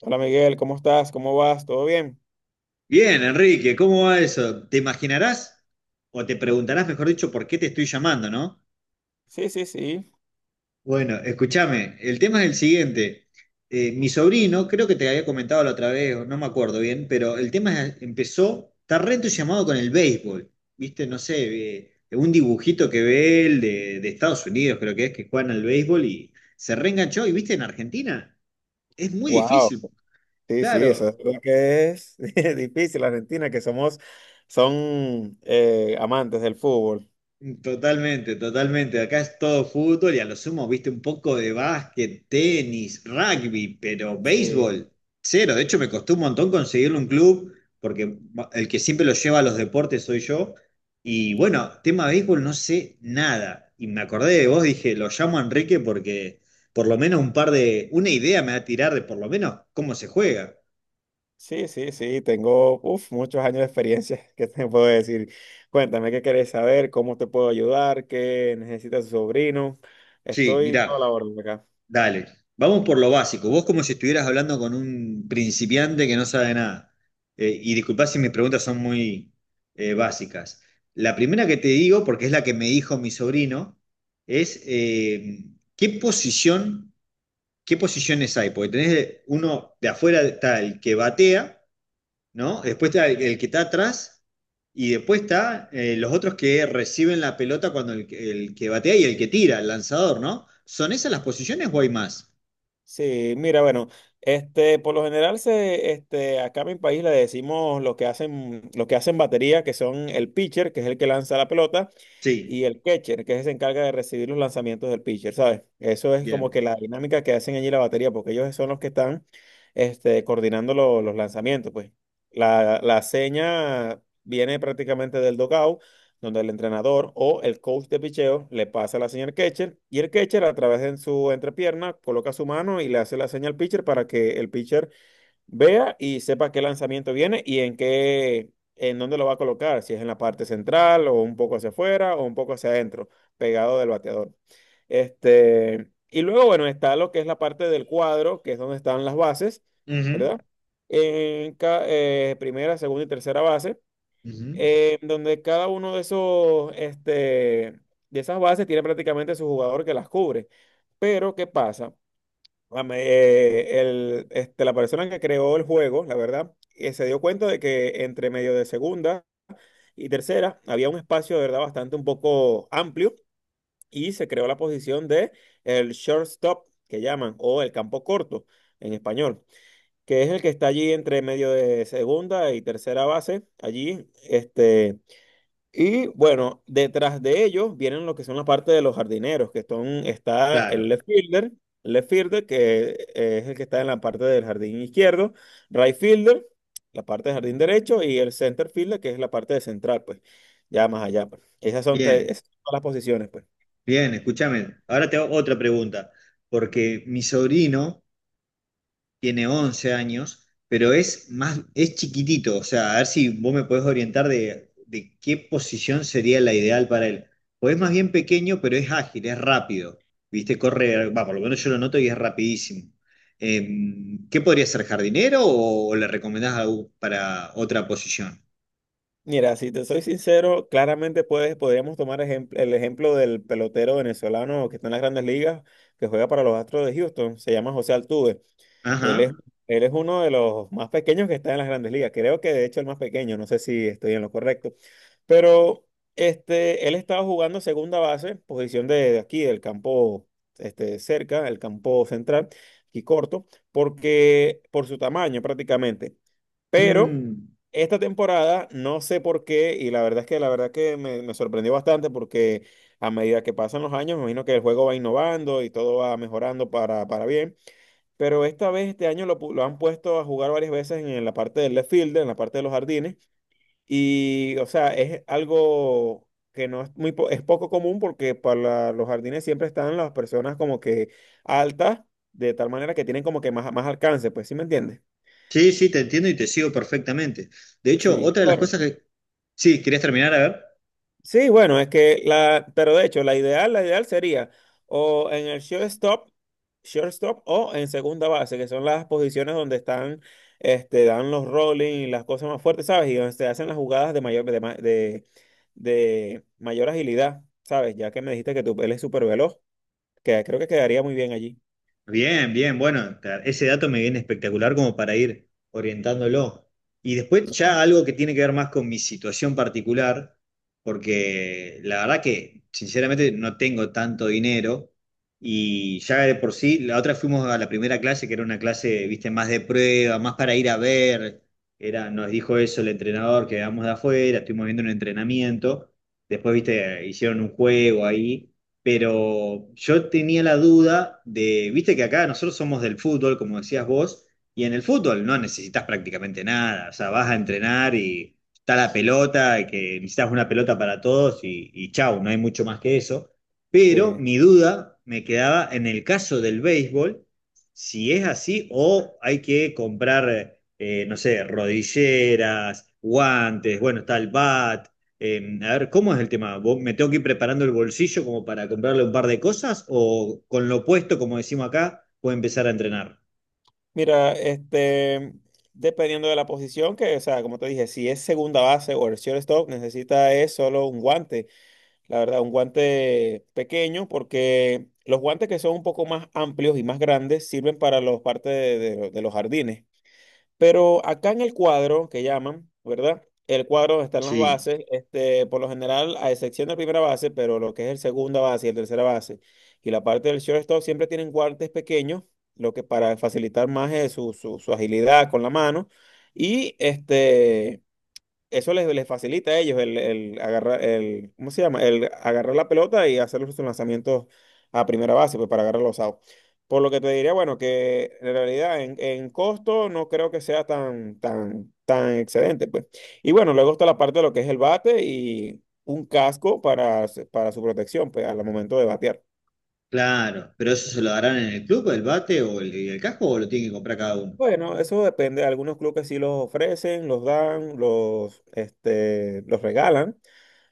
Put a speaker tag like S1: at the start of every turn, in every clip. S1: Hola Miguel, ¿cómo estás? ¿Cómo vas? ¿Todo bien?
S2: Bien, Enrique, ¿cómo va eso? ¿Te imaginarás o te preguntarás, mejor dicho, por qué te estoy llamando, no?
S1: Sí, sí, sí.
S2: Bueno, escúchame, el tema es el siguiente. Mi sobrino, creo que te había comentado la otra vez, o no me acuerdo bien, pero empezó, está re entusiasmado con el béisbol, ¿viste? No sé, un dibujito que ve él de Estados Unidos, creo que es, que juegan al béisbol y se reenganchó, y viste, en Argentina es muy
S1: Wow,
S2: difícil,
S1: sí, sí, eso
S2: claro.
S1: es lo que es difícil, Argentina, que somos, son amantes del fútbol.
S2: Totalmente, totalmente. Acá es todo fútbol y a lo sumo, viste, un poco de básquet, tenis, rugby, pero
S1: Sí,
S2: béisbol, cero. De hecho, me costó un montón conseguirle un club, porque el que siempre lo lleva a los deportes soy yo. Y bueno, tema béisbol no sé nada. Y me acordé de vos, dije, lo llamo a Enrique porque por lo menos un par de, una idea me va a tirar de por lo menos cómo se juega.
S1: sí, sí, sí, tengo uf, muchos años de experiencia, ¿qué te puedo decir? Cuéntame qué querés saber, cómo te puedo ayudar, qué necesita tu sobrino.
S2: Sí,
S1: Estoy
S2: mirá.
S1: toda la orden acá.
S2: Dale, vamos por lo básico. Vos como si estuvieras hablando con un principiante que no sabe nada. Y disculpá si mis preguntas son muy básicas. La primera que te digo, porque es la que me dijo mi sobrino, es ¿qué posición, qué posiciones hay? Porque tenés uno de afuera está el que batea, ¿no? Después está el que está atrás y después está los otros que reciben la pelota cuando el que batea y el que tira, el lanzador, ¿no? ¿Son esas las posiciones o hay más?
S1: Sí, mira, bueno, este, por lo general se, este, acá en mi país le decimos lo que hacen batería, que son el pitcher, que es el que lanza la pelota,
S2: Sí.
S1: y el catcher, que se encarga de recibir los lanzamientos del pitcher, ¿sabes? Eso es como que
S2: Bien.
S1: la dinámica que hacen allí la batería, porque ellos son los que están, este, coordinando los lanzamientos, pues. La seña viene prácticamente del dugout donde el entrenador o el coach de picheo le pasa la señal al catcher y el catcher a través de su entrepierna coloca su mano y le hace la señal al pitcher para que el pitcher vea y sepa qué lanzamiento viene y en qué, en dónde lo va a colocar, si es en la parte central o un poco hacia afuera o un poco hacia adentro, pegado del bateador. Este, y luego, bueno, está lo que es la parte del cuadro, que es donde están las bases, ¿verdad?
S2: Ujú.
S1: En primera, segunda y tercera base
S2: Ujú.
S1: donde cada uno de esos, este, de esas bases tiene prácticamente su jugador que las cubre. Pero, ¿qué pasa? Este, la persona que creó el juego, la verdad, se dio cuenta de que entre medio de segunda y tercera había un espacio de verdad bastante un poco amplio y se creó la posición de el shortstop, que llaman, o el campo corto en español, que es el que está allí entre medio de segunda y tercera base, allí, este y bueno, detrás de ellos vienen lo que son la parte de los jardineros, que son, está
S2: Claro.
S1: el left fielder, que es el que está en la parte del jardín izquierdo, right fielder, la parte del jardín derecho, y el center fielder, que es la parte de central, pues, ya más allá, pues. Esas son,
S2: Bien,
S1: esas son todas las posiciones, pues.
S2: bien, escúchame. Ahora te hago otra pregunta, porque mi sobrino tiene 11 años, pero es más, es chiquitito, o sea, a ver si vos me podés orientar de qué posición sería la ideal para él. Pues es más bien pequeño, pero es ágil, es rápido, ¿viste? Corre, va, por lo menos yo lo noto y es rapidísimo. ¿Qué podría ser, jardinero o le recomendás algo para otra posición?
S1: Mira, si te soy sincero, claramente podríamos tomar el ejemplo del pelotero venezolano que está en las grandes ligas, que juega para los Astros de Houston, se llama José Altuve. Él es,
S2: Ajá.
S1: Él es uno de los más pequeños que está en las grandes ligas. Creo que de hecho el más pequeño, no sé si estoy en lo correcto. Pero este, él estaba jugando segunda base, posición de aquí, del campo este, cerca, el campo central, aquí corto, porque por su tamaño prácticamente. Pero
S2: Mm,
S1: esta temporada no sé por qué, y la verdad es que la verdad que me sorprendió bastante porque a medida que pasan los años, me imagino que el juego va innovando y todo va mejorando para bien. Pero esta vez, este año, lo han puesto a jugar varias veces en la parte del left field, en la parte de los jardines. Y, o sea, es algo que no es muy, es poco común porque para los jardines siempre están las personas como que altas, de tal manera que tienen como que más, más alcance, pues, ¿sí me entiendes?
S2: sí, sí, te entiendo y te sigo perfectamente. De hecho,
S1: Sí,
S2: otra de las
S1: bueno.
S2: cosas que... Sí, ¿querías terminar? A ver.
S1: Sí, bueno, es que la, pero de hecho, la ideal sería o en el shortstop, shortstop o en segunda base, que son las posiciones donde están, este, dan los rolling y las cosas más fuertes, ¿sabes? Y donde se hacen las jugadas de de mayor agilidad, ¿sabes? Ya que me dijiste que tu él es súper veloz, que creo que quedaría muy bien allí.
S2: Bien, bien, bueno, ese dato me viene espectacular como para ir orientándolo. Y después ya algo que tiene que ver más con mi situación particular, porque la verdad que sinceramente no tengo tanto dinero y ya de por sí, la otra fuimos a la primera clase, que era una clase, viste, más de prueba, más para ir a ver, era, nos dijo eso el entrenador, que vamos de afuera, estuvimos viendo un entrenamiento, después, viste, hicieron un juego ahí, pero yo tenía la duda de, viste que acá nosotros somos del fútbol, como decías vos, y en el fútbol no necesitas prácticamente nada, o sea, vas a entrenar y está la pelota, y que necesitas una pelota para todos y chau, no hay mucho más que eso. Pero
S1: Sí.
S2: mi duda me quedaba en el caso del béisbol, si es así o hay que comprar, no sé, rodilleras, guantes, bueno, está el bat. A ver, ¿cómo es el tema? Me tengo que ir preparando el bolsillo como para comprarle un par de cosas? ¿O con lo puesto, como decimos acá, puedo empezar a entrenar?
S1: Mira, este, dependiendo de la posición, que, o sea, como te dije, si es segunda base o el shortstop, necesita es solo un guante. La verdad, un guante pequeño porque los guantes que son un poco más amplios y más grandes sirven para los partes de, de los jardines. Pero acá en el cuadro que llaman, ¿verdad? El cuadro donde están las
S2: Sí,
S1: bases, este, por lo general, a excepción de la primera base, pero lo que es el segunda base y el tercera base y la parte del shortstop siempre tienen guantes pequeños, lo que para facilitar más es su agilidad con la mano y este eso les facilita a ellos el agarrar, el, ¿cómo se llama? El agarrar la pelota y hacer los lanzamientos a primera base, pues para agarrar los outs. Por lo que te diría, bueno, que en realidad en costo no creo que sea tan excedente, pues. Y bueno, luego está la parte de lo que es el bate y un casco para, para su protección, pues, al momento de batear.
S2: claro. ¿Pero eso se lo darán en el club, el bate o el casco o lo tienen que comprar cada uno?
S1: Bueno, eso depende. Algunos clubes sí los ofrecen, los dan, los, este, los regalan.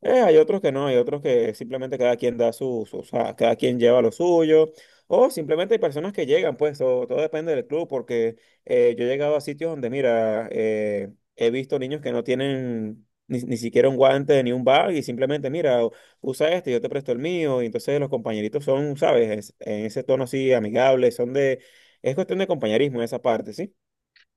S1: Hay otros que no, hay otros que simplemente cada quien da o sea, cada quien lleva lo suyo, o simplemente hay personas que llegan, pues, o todo depende del club, porque yo he llegado a sitios donde, mira, he visto niños que no tienen ni siquiera un guante ni un bag y simplemente, mira, usa este, yo te presto el mío, y entonces los compañeritos son, ¿sabes? En ese tono así amigable, son de, es cuestión de compañerismo en esa parte, ¿sí?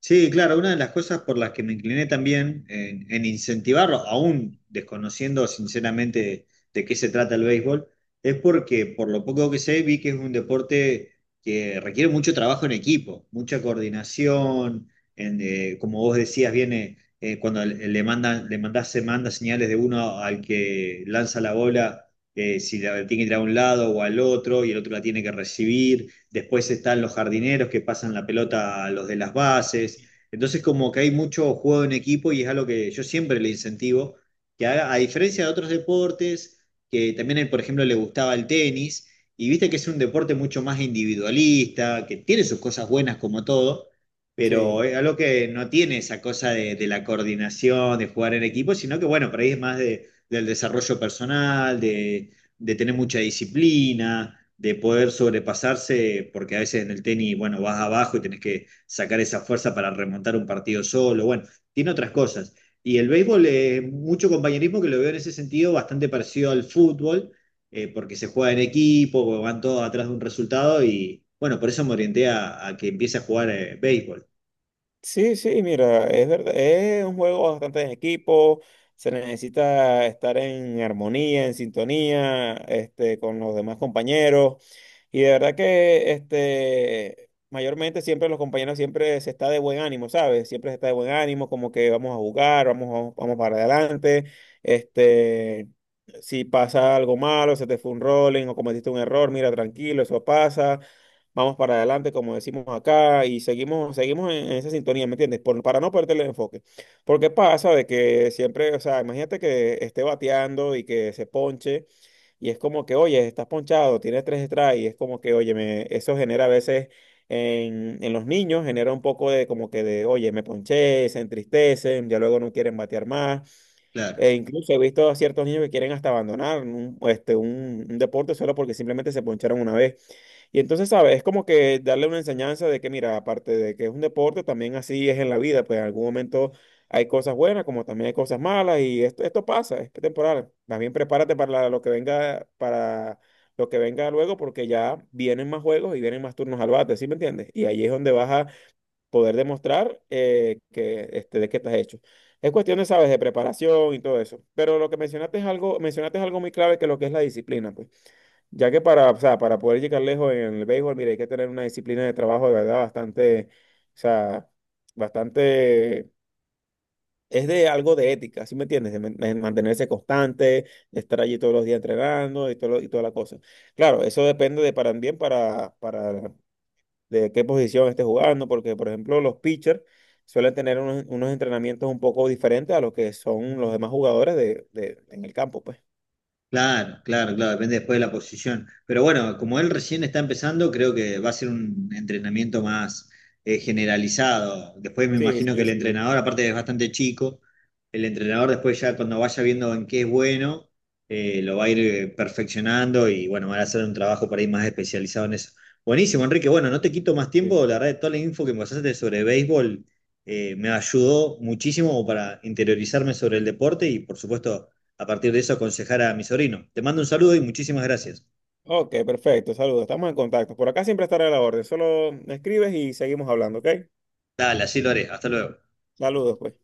S2: Sí, claro, una de las cosas por las que me incliné también en incentivarlo, aún desconociendo sinceramente de qué se trata el béisbol, es porque por lo poco que sé vi que es un deporte que requiere mucho trabajo en equipo, mucha coordinación, como vos decías, viene cuando le mandan, le mandás, se manda señales de uno al que lanza la bola, si la tiene que ir a un lado o al otro, y el otro la tiene que recibir, después están los jardineros que pasan la pelota a los de las bases. Entonces, como que hay mucho juego en equipo y es algo que yo siempre le incentivo, que haga, a diferencia de otros deportes, que también a él, por ejemplo, le gustaba el tenis, y viste que es un deporte mucho más individualista, que tiene sus cosas buenas como todo, pero
S1: Sí.
S2: es algo que no tiene esa cosa de la coordinación, de jugar en equipo, sino que, bueno, por ahí es más del desarrollo personal, de tener mucha disciplina, de poder sobrepasarse, porque a veces en el tenis, bueno, vas abajo y tenés que sacar esa fuerza para remontar un partido solo, bueno, tiene otras cosas. Y el béisbol, mucho compañerismo que lo veo en ese sentido bastante parecido al fútbol, porque se juega en equipo, van todos atrás de un resultado y bueno, por eso me orienté a que empiece a jugar béisbol,
S1: Sí, sí, mira, es verdad, es un juego bastante en equipo, se necesita estar en armonía, en sintonía, este, con los demás compañeros, y de verdad que, este, mayormente siempre los compañeros siempre se está de buen ánimo, ¿sabes? Siempre se está de buen ánimo, como que vamos a jugar, vamos, vamos, vamos para adelante, este, si pasa algo malo, se te fue un rolling o cometiste un error, mira, tranquilo, eso pasa vamos para adelante, como decimos acá, y seguimos, seguimos en esa sintonía, ¿me entiendes? Por, para no perder el enfoque. Porque pasa de que siempre, o sea, imagínate que esté bateando y que se ponche, y es como que, oye, estás ponchado, tienes tres strikes, y es como que, oye, me, eso genera a veces en los niños, genera un poco de como que de, oye, me ponché, se entristecen, ya luego no quieren batear más.
S2: claro.
S1: E incluso he visto a ciertos niños que quieren hasta abandonar un, este, un deporte solo porque simplemente se poncharon una vez. Y entonces, ¿sabes? Es como que darle una enseñanza de que, mira, aparte de que es un deporte, también así es en la vida, pues en algún momento hay cosas buenas como también hay cosas malas y esto pasa, es temporal. Más bien prepárate para lo que venga, para lo que venga luego porque ya vienen más juegos y vienen más turnos al bate, ¿sí me entiendes? Y ahí es donde vas a poder demostrar que, este, de qué estás hecho. Es cuestión de, ¿sabes? De preparación y todo eso. Pero lo que mencionaste es algo muy clave que lo que es la disciplina, pues. Ya que para, o sea, para poder llegar lejos en el béisbol, mira, hay que tener una disciplina de trabajo de verdad bastante, o sea, bastante, es de algo de ética, ¿sí me entiendes? De, de mantenerse constante, de estar allí todos los días entrenando y, todo, y toda la cosa. Claro, eso depende de para bien para de qué posición estés jugando, porque por ejemplo los pitchers suelen tener unos entrenamientos un poco diferentes a los que son los demás jugadores de, en el campo, pues.
S2: Claro, claro, claro, depende después de la posición. Pero bueno, como él recién está empezando, creo que va a ser un entrenamiento más generalizado. Después me
S1: Sí,
S2: imagino que
S1: sí,
S2: el
S1: sí.
S2: entrenador, aparte es bastante chico, el entrenador después ya cuando vaya viendo en qué es bueno, lo va a ir perfeccionando y bueno, van a hacer un trabajo para ir más especializado en eso. Buenísimo, Enrique. Bueno, no te quito más tiempo. La verdad, toda la info que me pasaste sobre béisbol me ayudó muchísimo para interiorizarme sobre el deporte y por supuesto a partir de eso aconsejar a mi sobrino. Te mando un saludo y muchísimas gracias.
S1: Ok, perfecto. Saludos. Estamos en contacto. Por acá siempre estaré a la orden. Solo me escribes y seguimos hablando, ¿ok?
S2: Dale, así lo haré. Hasta luego.
S1: Saludos, pues.